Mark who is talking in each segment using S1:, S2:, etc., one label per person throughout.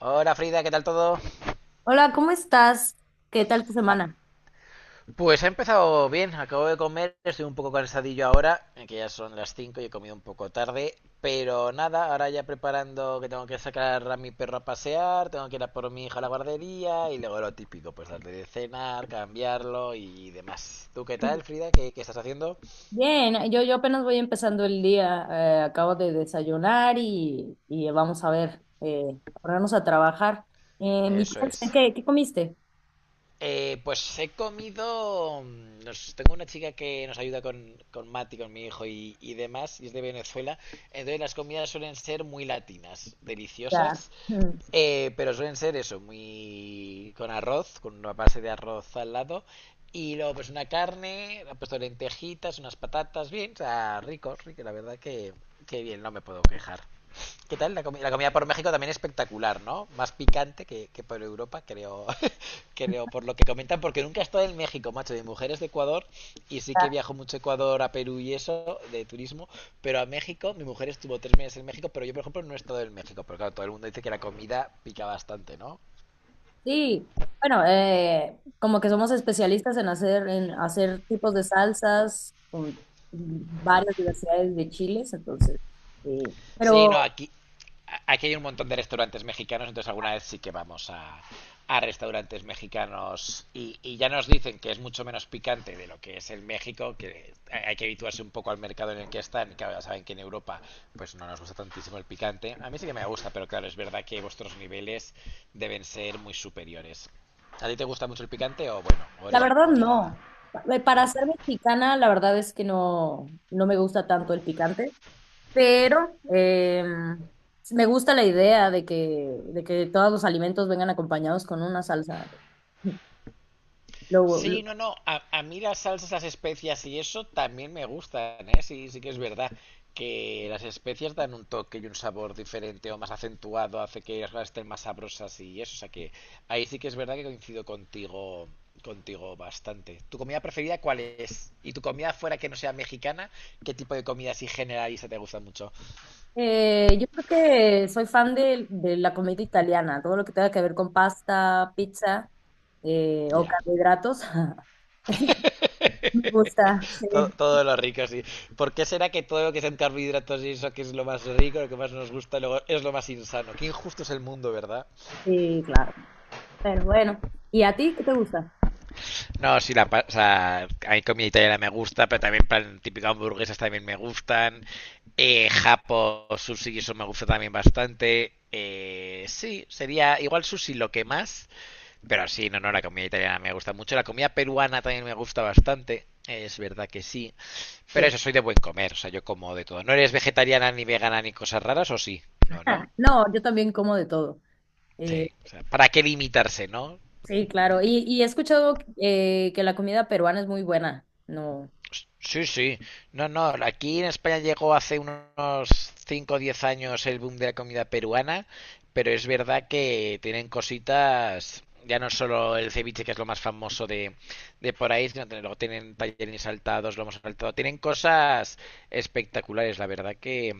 S1: Hola, Frida, ¿qué tal todo?
S2: Hola, ¿cómo estás? ¿Qué tal tu
S1: Ah,
S2: semana?
S1: Pues he empezado bien, acabo de comer, estoy un poco cansadillo ahora, que ya son las 5 y he comido un poco tarde, pero nada, ahora ya preparando que tengo que sacar a mi perro a pasear, tengo que ir a por mi hija a la guardería y luego lo típico, pues darle de cenar, cambiarlo y demás. ¿Tú qué
S2: Sí.
S1: tal, Frida? ¿Qué estás haciendo?
S2: Bien, yo apenas voy empezando el día, acabo de desayunar y vamos a ver, ponernos a trabajar. Mi
S1: Eso
S2: clase,
S1: es.
S2: ¿qué comiste?
S1: Pues he comido. Nos, tengo una chica que nos ayuda con Mati, con mi hijo y demás, y es de Venezuela. Entonces las comidas suelen ser muy latinas,
S2: Ya.
S1: deliciosas,
S2: mm,
S1: pero suelen ser eso, muy con arroz, con una base de arroz al lado, y luego pues una carne, ha puesto lentejitas, unas patatas, bien, o sea, rico, rico, la verdad que bien, no me puedo quejar. ¿Qué tal? La comida por México también espectacular, ¿no? Más picante que por Europa, creo, creo, por lo que comentan, porque nunca he estado en México, macho. Mi mujer es de Ecuador y sí que
S2: ya.
S1: viajo mucho a Ecuador, a Perú y eso, de turismo, pero a México, mi mujer estuvo 3 meses en México, pero yo, por ejemplo, no he estado en México, pero claro, todo el mundo dice que la comida pica bastante, ¿no?
S2: Sí, bueno, como que somos especialistas en hacer tipos de salsas con varias diversidades de chiles, entonces, sí.
S1: Sí, no,
S2: Pero
S1: aquí hay un montón de restaurantes mexicanos, entonces alguna vez sí que vamos a restaurantes mexicanos y ya nos dicen que es mucho menos picante de lo que es en México, que hay que habituarse un poco al mercado en el que están, y claro, ya saben que en Europa pues no nos gusta tantísimo el picante. A mí sí que me gusta, pero claro, es verdad que vuestros niveles deben ser muy superiores. ¿A ti te gusta mucho el picante o bueno, o
S2: la
S1: eres
S2: verdad,
S1: moderada?
S2: no. Para ser mexicana, la verdad es que no, no me gusta tanto el picante, pero eh, me gusta la idea de que todos los alimentos vengan acompañados con una salsa. Lo-
S1: Sí,
S2: lo-
S1: no, no. A mí las salsas, las especias y eso también me gustan, ¿eh? Sí, sí que es verdad que las especias dan un toque y un sabor diferente o más acentuado, hace que las cosas estén más sabrosas y eso. O sea que ahí sí que es verdad que coincido contigo, contigo bastante. ¿Tu comida preferida cuál es? ¿Y tu comida fuera que no sea mexicana? ¿Qué tipo de comida así generalista te gusta mucho?
S2: yo creo que soy fan de la comida italiana, todo lo que tenga que ver con pasta, pizza, o
S1: Ya.
S2: carbohidratos. Me gusta, sí,
S1: Todo, todo lo rico, sí. ¿Por qué será que todo lo que sean carbohidratos y eso que es lo más rico, lo que más nos gusta, luego es lo más insano? Qué injusto es el mundo, ¿verdad?
S2: sí, claro. Pero bueno, ¿y a ti qué te gusta?
S1: No, sí, o sea, a mí comida italiana me gusta, pero también plan típico hamburguesas también me gustan. Japo, sushi, eso me gusta también bastante. Sí, sería igual sushi lo que más, pero sí, no, no, la comida italiana me gusta mucho. La comida peruana también me gusta bastante, es verdad que sí. Pero
S2: Sí.
S1: eso, soy de buen comer, o sea, yo como de todo. ¿No eres vegetariana ni vegana ni cosas raras o sí? No, no.
S2: No, yo también como de todo. Eh,
S1: Sí, o sea, ¿para qué limitarse, no?
S2: sí, claro. Y he escuchado, que la comida peruana es muy buena. No.
S1: Sí, sí. No, no, aquí en España llegó hace unos 5, o 10 años el boom de la comida peruana, pero es verdad que tienen cositas, ya no solo el ceviche, que es lo más famoso de por ahí, sino que luego tienen tallerines saltados, hemos saltado, tienen cosas espectaculares, la verdad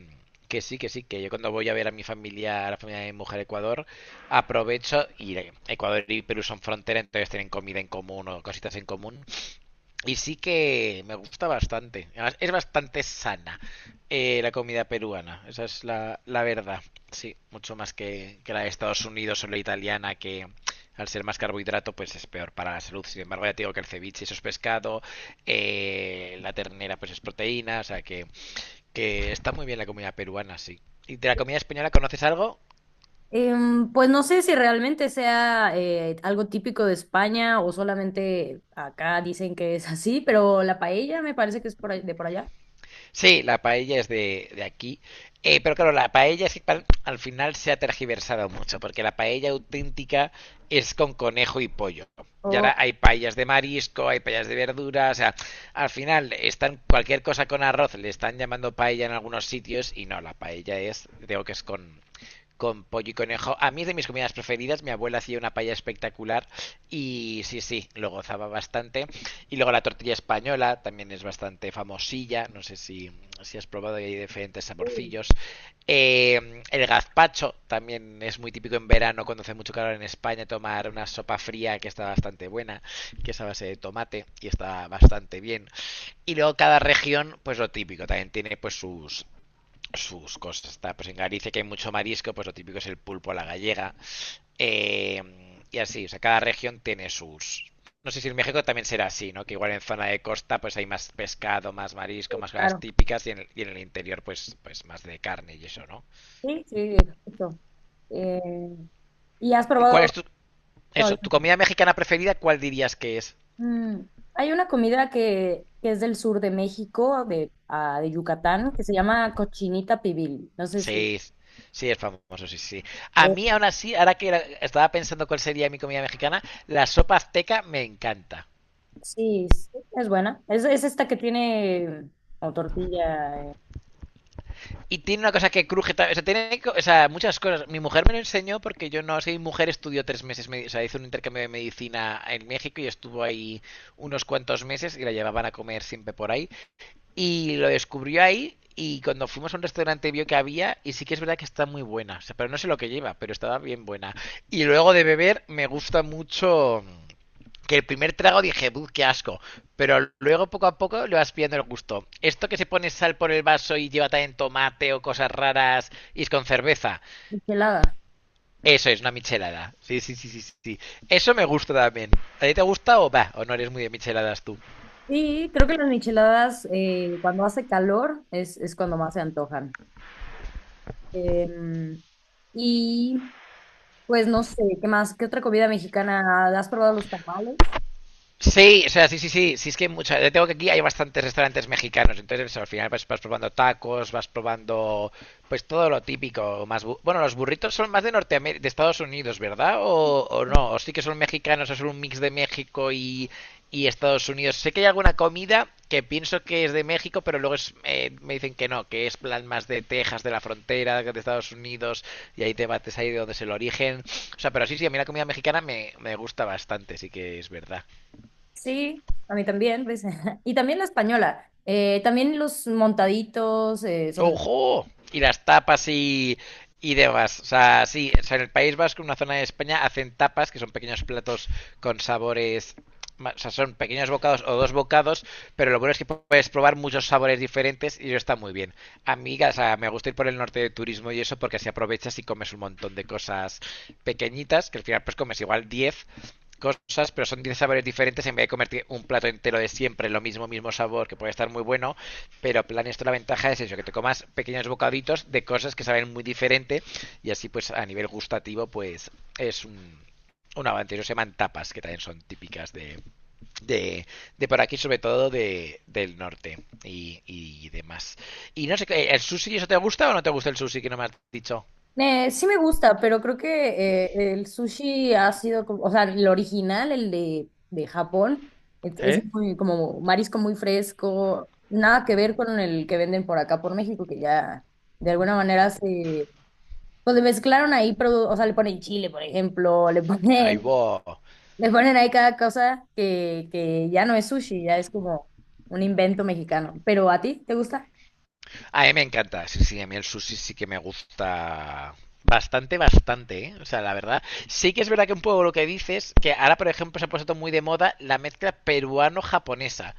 S1: que sí, que sí, que yo cuando voy a ver a mi familia, a la familia de mi mujer a Ecuador, aprovecho y Ecuador y Perú son frontera, entonces tienen comida en común o cositas en común y sí que me gusta bastante. Además, es bastante sana, la comida peruana. Esa es la, la verdad. Sí, mucho más que la de Estados Unidos o la italiana, que al ser más carbohidrato, pues es peor para la salud. Sin embargo, ya te digo que el ceviche eso es pescado, la ternera pues es proteína. O sea que está muy bien la comida peruana, sí. ¿Y de la comida española conoces algo?
S2: Pues no sé si realmente sea algo típico de España o solamente acá dicen que es así, pero la paella me parece que es de por allá.
S1: Sí, la paella es de aquí. Pero claro, la paella es que al final se ha tergiversado mucho, porque la paella auténtica es con conejo y pollo. Y
S2: Oh,
S1: ahora hay paellas de marisco, hay paellas de verduras, o sea, al final están cualquier cosa con arroz, le están llamando paella en algunos sitios y no, la paella es, digo que es con pollo y conejo. A mí es de mis comidas preferidas. Mi abuela hacía una paella espectacular y sí, sí, lo gozaba bastante. Y luego la tortilla española también es bastante famosilla. No sé si, si has probado, hay diferentes
S2: sí,
S1: saborcillos. El gazpacho también es muy típico en verano cuando hace mucho calor en España tomar una sopa fría que está bastante buena, que es a base de tomate y está bastante bien. Y luego cada región, pues lo típico, también tiene pues sus cosas. Está, pues en Galicia que hay mucho marisco, pues lo típico es el pulpo a la gallega. Eh, y así, o sea, cada región tiene sus... No sé si en México también será así, ¿no? Que igual en zona de costa pues hay más pescado, más
S2: sí,
S1: marisco, más cosas
S2: claro.
S1: típicas y en el interior pues, pues más de carne y eso, ¿no?
S2: Sí, sí, justo. Eh, ¿Y has
S1: ¿Y cuál
S2: probado?
S1: es tu...
S2: No,
S1: Eso, tu comida mexicana preferida, ¿cuál dirías que es?
S2: mm, hay una comida que es del sur de México, de, de Yucatán, que se llama cochinita pibil. No sé si...
S1: Sí, sí, es famoso, sí, sí. A mí aún así, ahora que estaba pensando cuál sería mi comida mexicana, la sopa azteca me encanta.
S2: Sí, sí, es buena. Es esta que tiene como tortilla,
S1: Y tiene una cosa que cruje. O sea, tiene, o sea, muchas cosas. Mi mujer me lo enseñó porque yo no sé. Mi mujer estudió 3 meses. O sea, hizo un intercambio de medicina en México y estuvo ahí unos cuantos meses y la llevaban a comer siempre por ahí. Y lo descubrió ahí y cuando fuimos a un restaurante vio que había y sí que es verdad que está muy buena. O sea, pero no sé lo que lleva, pero estaba bien buena. Y luego de beber me gusta mucho que el primer trago dije, "Buh, qué asco." Pero luego poco a poco le vas pillando el gusto. Esto que se pone sal por el vaso y lleva también tomate o cosas raras y es con cerveza.
S2: michelada.
S1: Eso es una michelada. Sí, sí, sí, sí, sí. Eso me gusta también. ¿A ti te gusta o va? ¿O no eres muy de micheladas tú?
S2: Sí, creo que las micheladas, cuando hace calor es cuando más se antojan. Em, y pues no sé, ¿qué más? ¿Qué otra comida mexicana? ¿Has probado los tamales?
S1: Sí, o sea, sí, sí, sí, sí, es que hay mucha, yo tengo que aquí hay bastantes restaurantes mexicanos, entonces al final vas, vas probando tacos, vas probando pues todo lo típico, más bueno, los burritos son más de Norteamérica, de Estados Unidos, ¿verdad? O no, o sí que son mexicanos, o son un mix de México y Estados Unidos. Sé que hay alguna comida que pienso que es de México, pero luego es, me dicen que no, que es plan más de Texas, de la frontera, de Estados Unidos, y hay debates ahí de dónde es el origen. O sea, pero sí, sí, a mí la comida mexicana me gusta bastante, sí que es verdad.
S2: Sí, a mí también, pues. Y también la española. También los montaditos, son...
S1: ¡Ojo! Y las tapas y demás. O sea, sí, o sea, en el País Vasco, en una zona de España, hacen tapas, que son pequeños platos con sabores. O sea, son pequeños bocados o dos bocados, pero lo bueno es que puedes probar muchos sabores diferentes y eso está muy bien. Amiga, o sea, me gusta ir por el norte de turismo y eso porque así aprovechas y comes un montón de cosas pequeñitas, que al final pues comes igual 10 cosas, pero son 10 sabores diferentes en vez de comerte un plato entero de siempre, lo mismo, mismo sabor, que puede estar muy bueno, pero plan esto la ventaja es eso, que te comas pequeños bocaditos de cosas que saben muy diferente y así pues a nivel gustativo pues es un avance. No se llaman tapas, que también son típicas de, de por aquí, sobre todo de, del norte y demás. Y no sé, ¿el sushi eso te gusta o no te gusta el sushi que no me has dicho?
S2: Sí me gusta, pero creo que el sushi ha sido, o sea, el original, el de Japón, es
S1: ¿Eh?
S2: muy, como marisco muy fresco, nada que ver con el que venden por acá, por México, que ya de alguna manera se, pues le mezclaron ahí, o sea, le ponen chile, por ejemplo, le
S1: Ahí
S2: ponen,
S1: va.
S2: le ponen ahí cada cosa que ya no es sushi, ya es como un invento mexicano. Pero ¿a ti te gusta?
S1: A mí me encanta, sí, sí, a mí el sushi sí que me gusta bastante, bastante, ¿eh? O sea, la verdad, sí que es verdad que un poco lo que dices, que ahora, por ejemplo, se ha puesto muy de moda la mezcla peruano-japonesa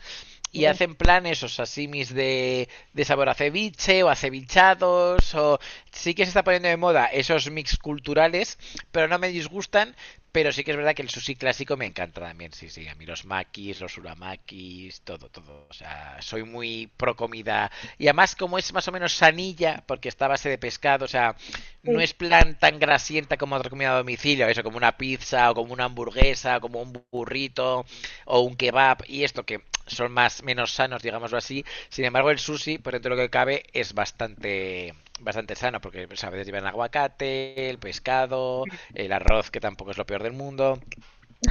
S1: y
S2: No.
S1: hacen planes o sasimis de sabor a ceviche o a cevichados o sí que se está poniendo de moda esos mix culturales, pero no me disgustan, pero sí que es verdad que el sushi clásico me encanta también, sí, sí, a mí los makis, los uramakis, todo, todo, o sea, soy muy pro comida y además como es más o menos sanilla, porque está a base de pescado, o sea, no
S2: Sí,
S1: es plan tan grasienta como otra comida a domicilio, eso, como una pizza o como una hamburguesa o como un burrito, o un kebab y esto que son más menos sanos, digámoslo así. Sin embargo, el sushi, por dentro de lo que cabe, es bastante bastante sano porque pues, a veces llevan aguacate, el pescado, el arroz que tampoco es lo peor del mundo.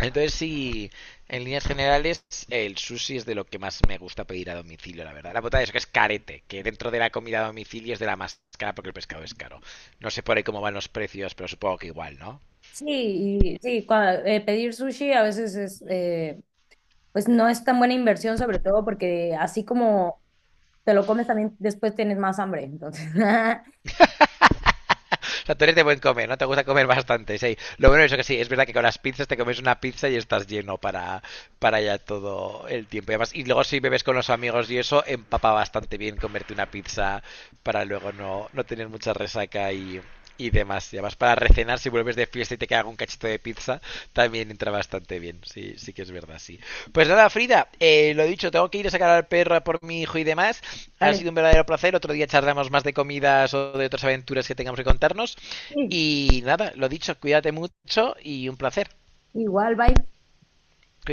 S1: Entonces sí, en líneas generales el sushi es de lo que más me gusta pedir a domicilio, la verdad. La putada es que es carete, que dentro de la comida a domicilio es de la más cara porque el pescado es caro. No sé por ahí cómo van los precios, pero supongo que igual, ¿no?
S2: sí, sí, pedir sushi a veces es... pues no es tan buena inversión, sobre todo porque así como te lo comes también después tienes más hambre. Entonces,
S1: O sea, tú eres de buen comer, ¿no? Te gusta comer bastante, sí. Lo bueno es que sí, es verdad que con las pizzas te comes una pizza y estás lleno para ya todo el tiempo. Y, además, y luego si bebes con los amigos y eso, empapa bastante bien comerte una pizza para luego no, no tener mucha resaca y demás. Y además para recenar, si vuelves de fiesta y te queda un cachito de pizza, también entra bastante bien. Sí, sí que es verdad, sí. Pues nada, Frida, lo dicho, tengo que ir a sacar al perro por mi hijo y demás. Ha
S2: dale.
S1: sido un verdadero placer. Otro día charlamos más de comidas o de otras aventuras que tengamos que contarnos.
S2: Sí,
S1: Y nada, lo dicho, cuídate mucho y un placer.
S2: igual, bye.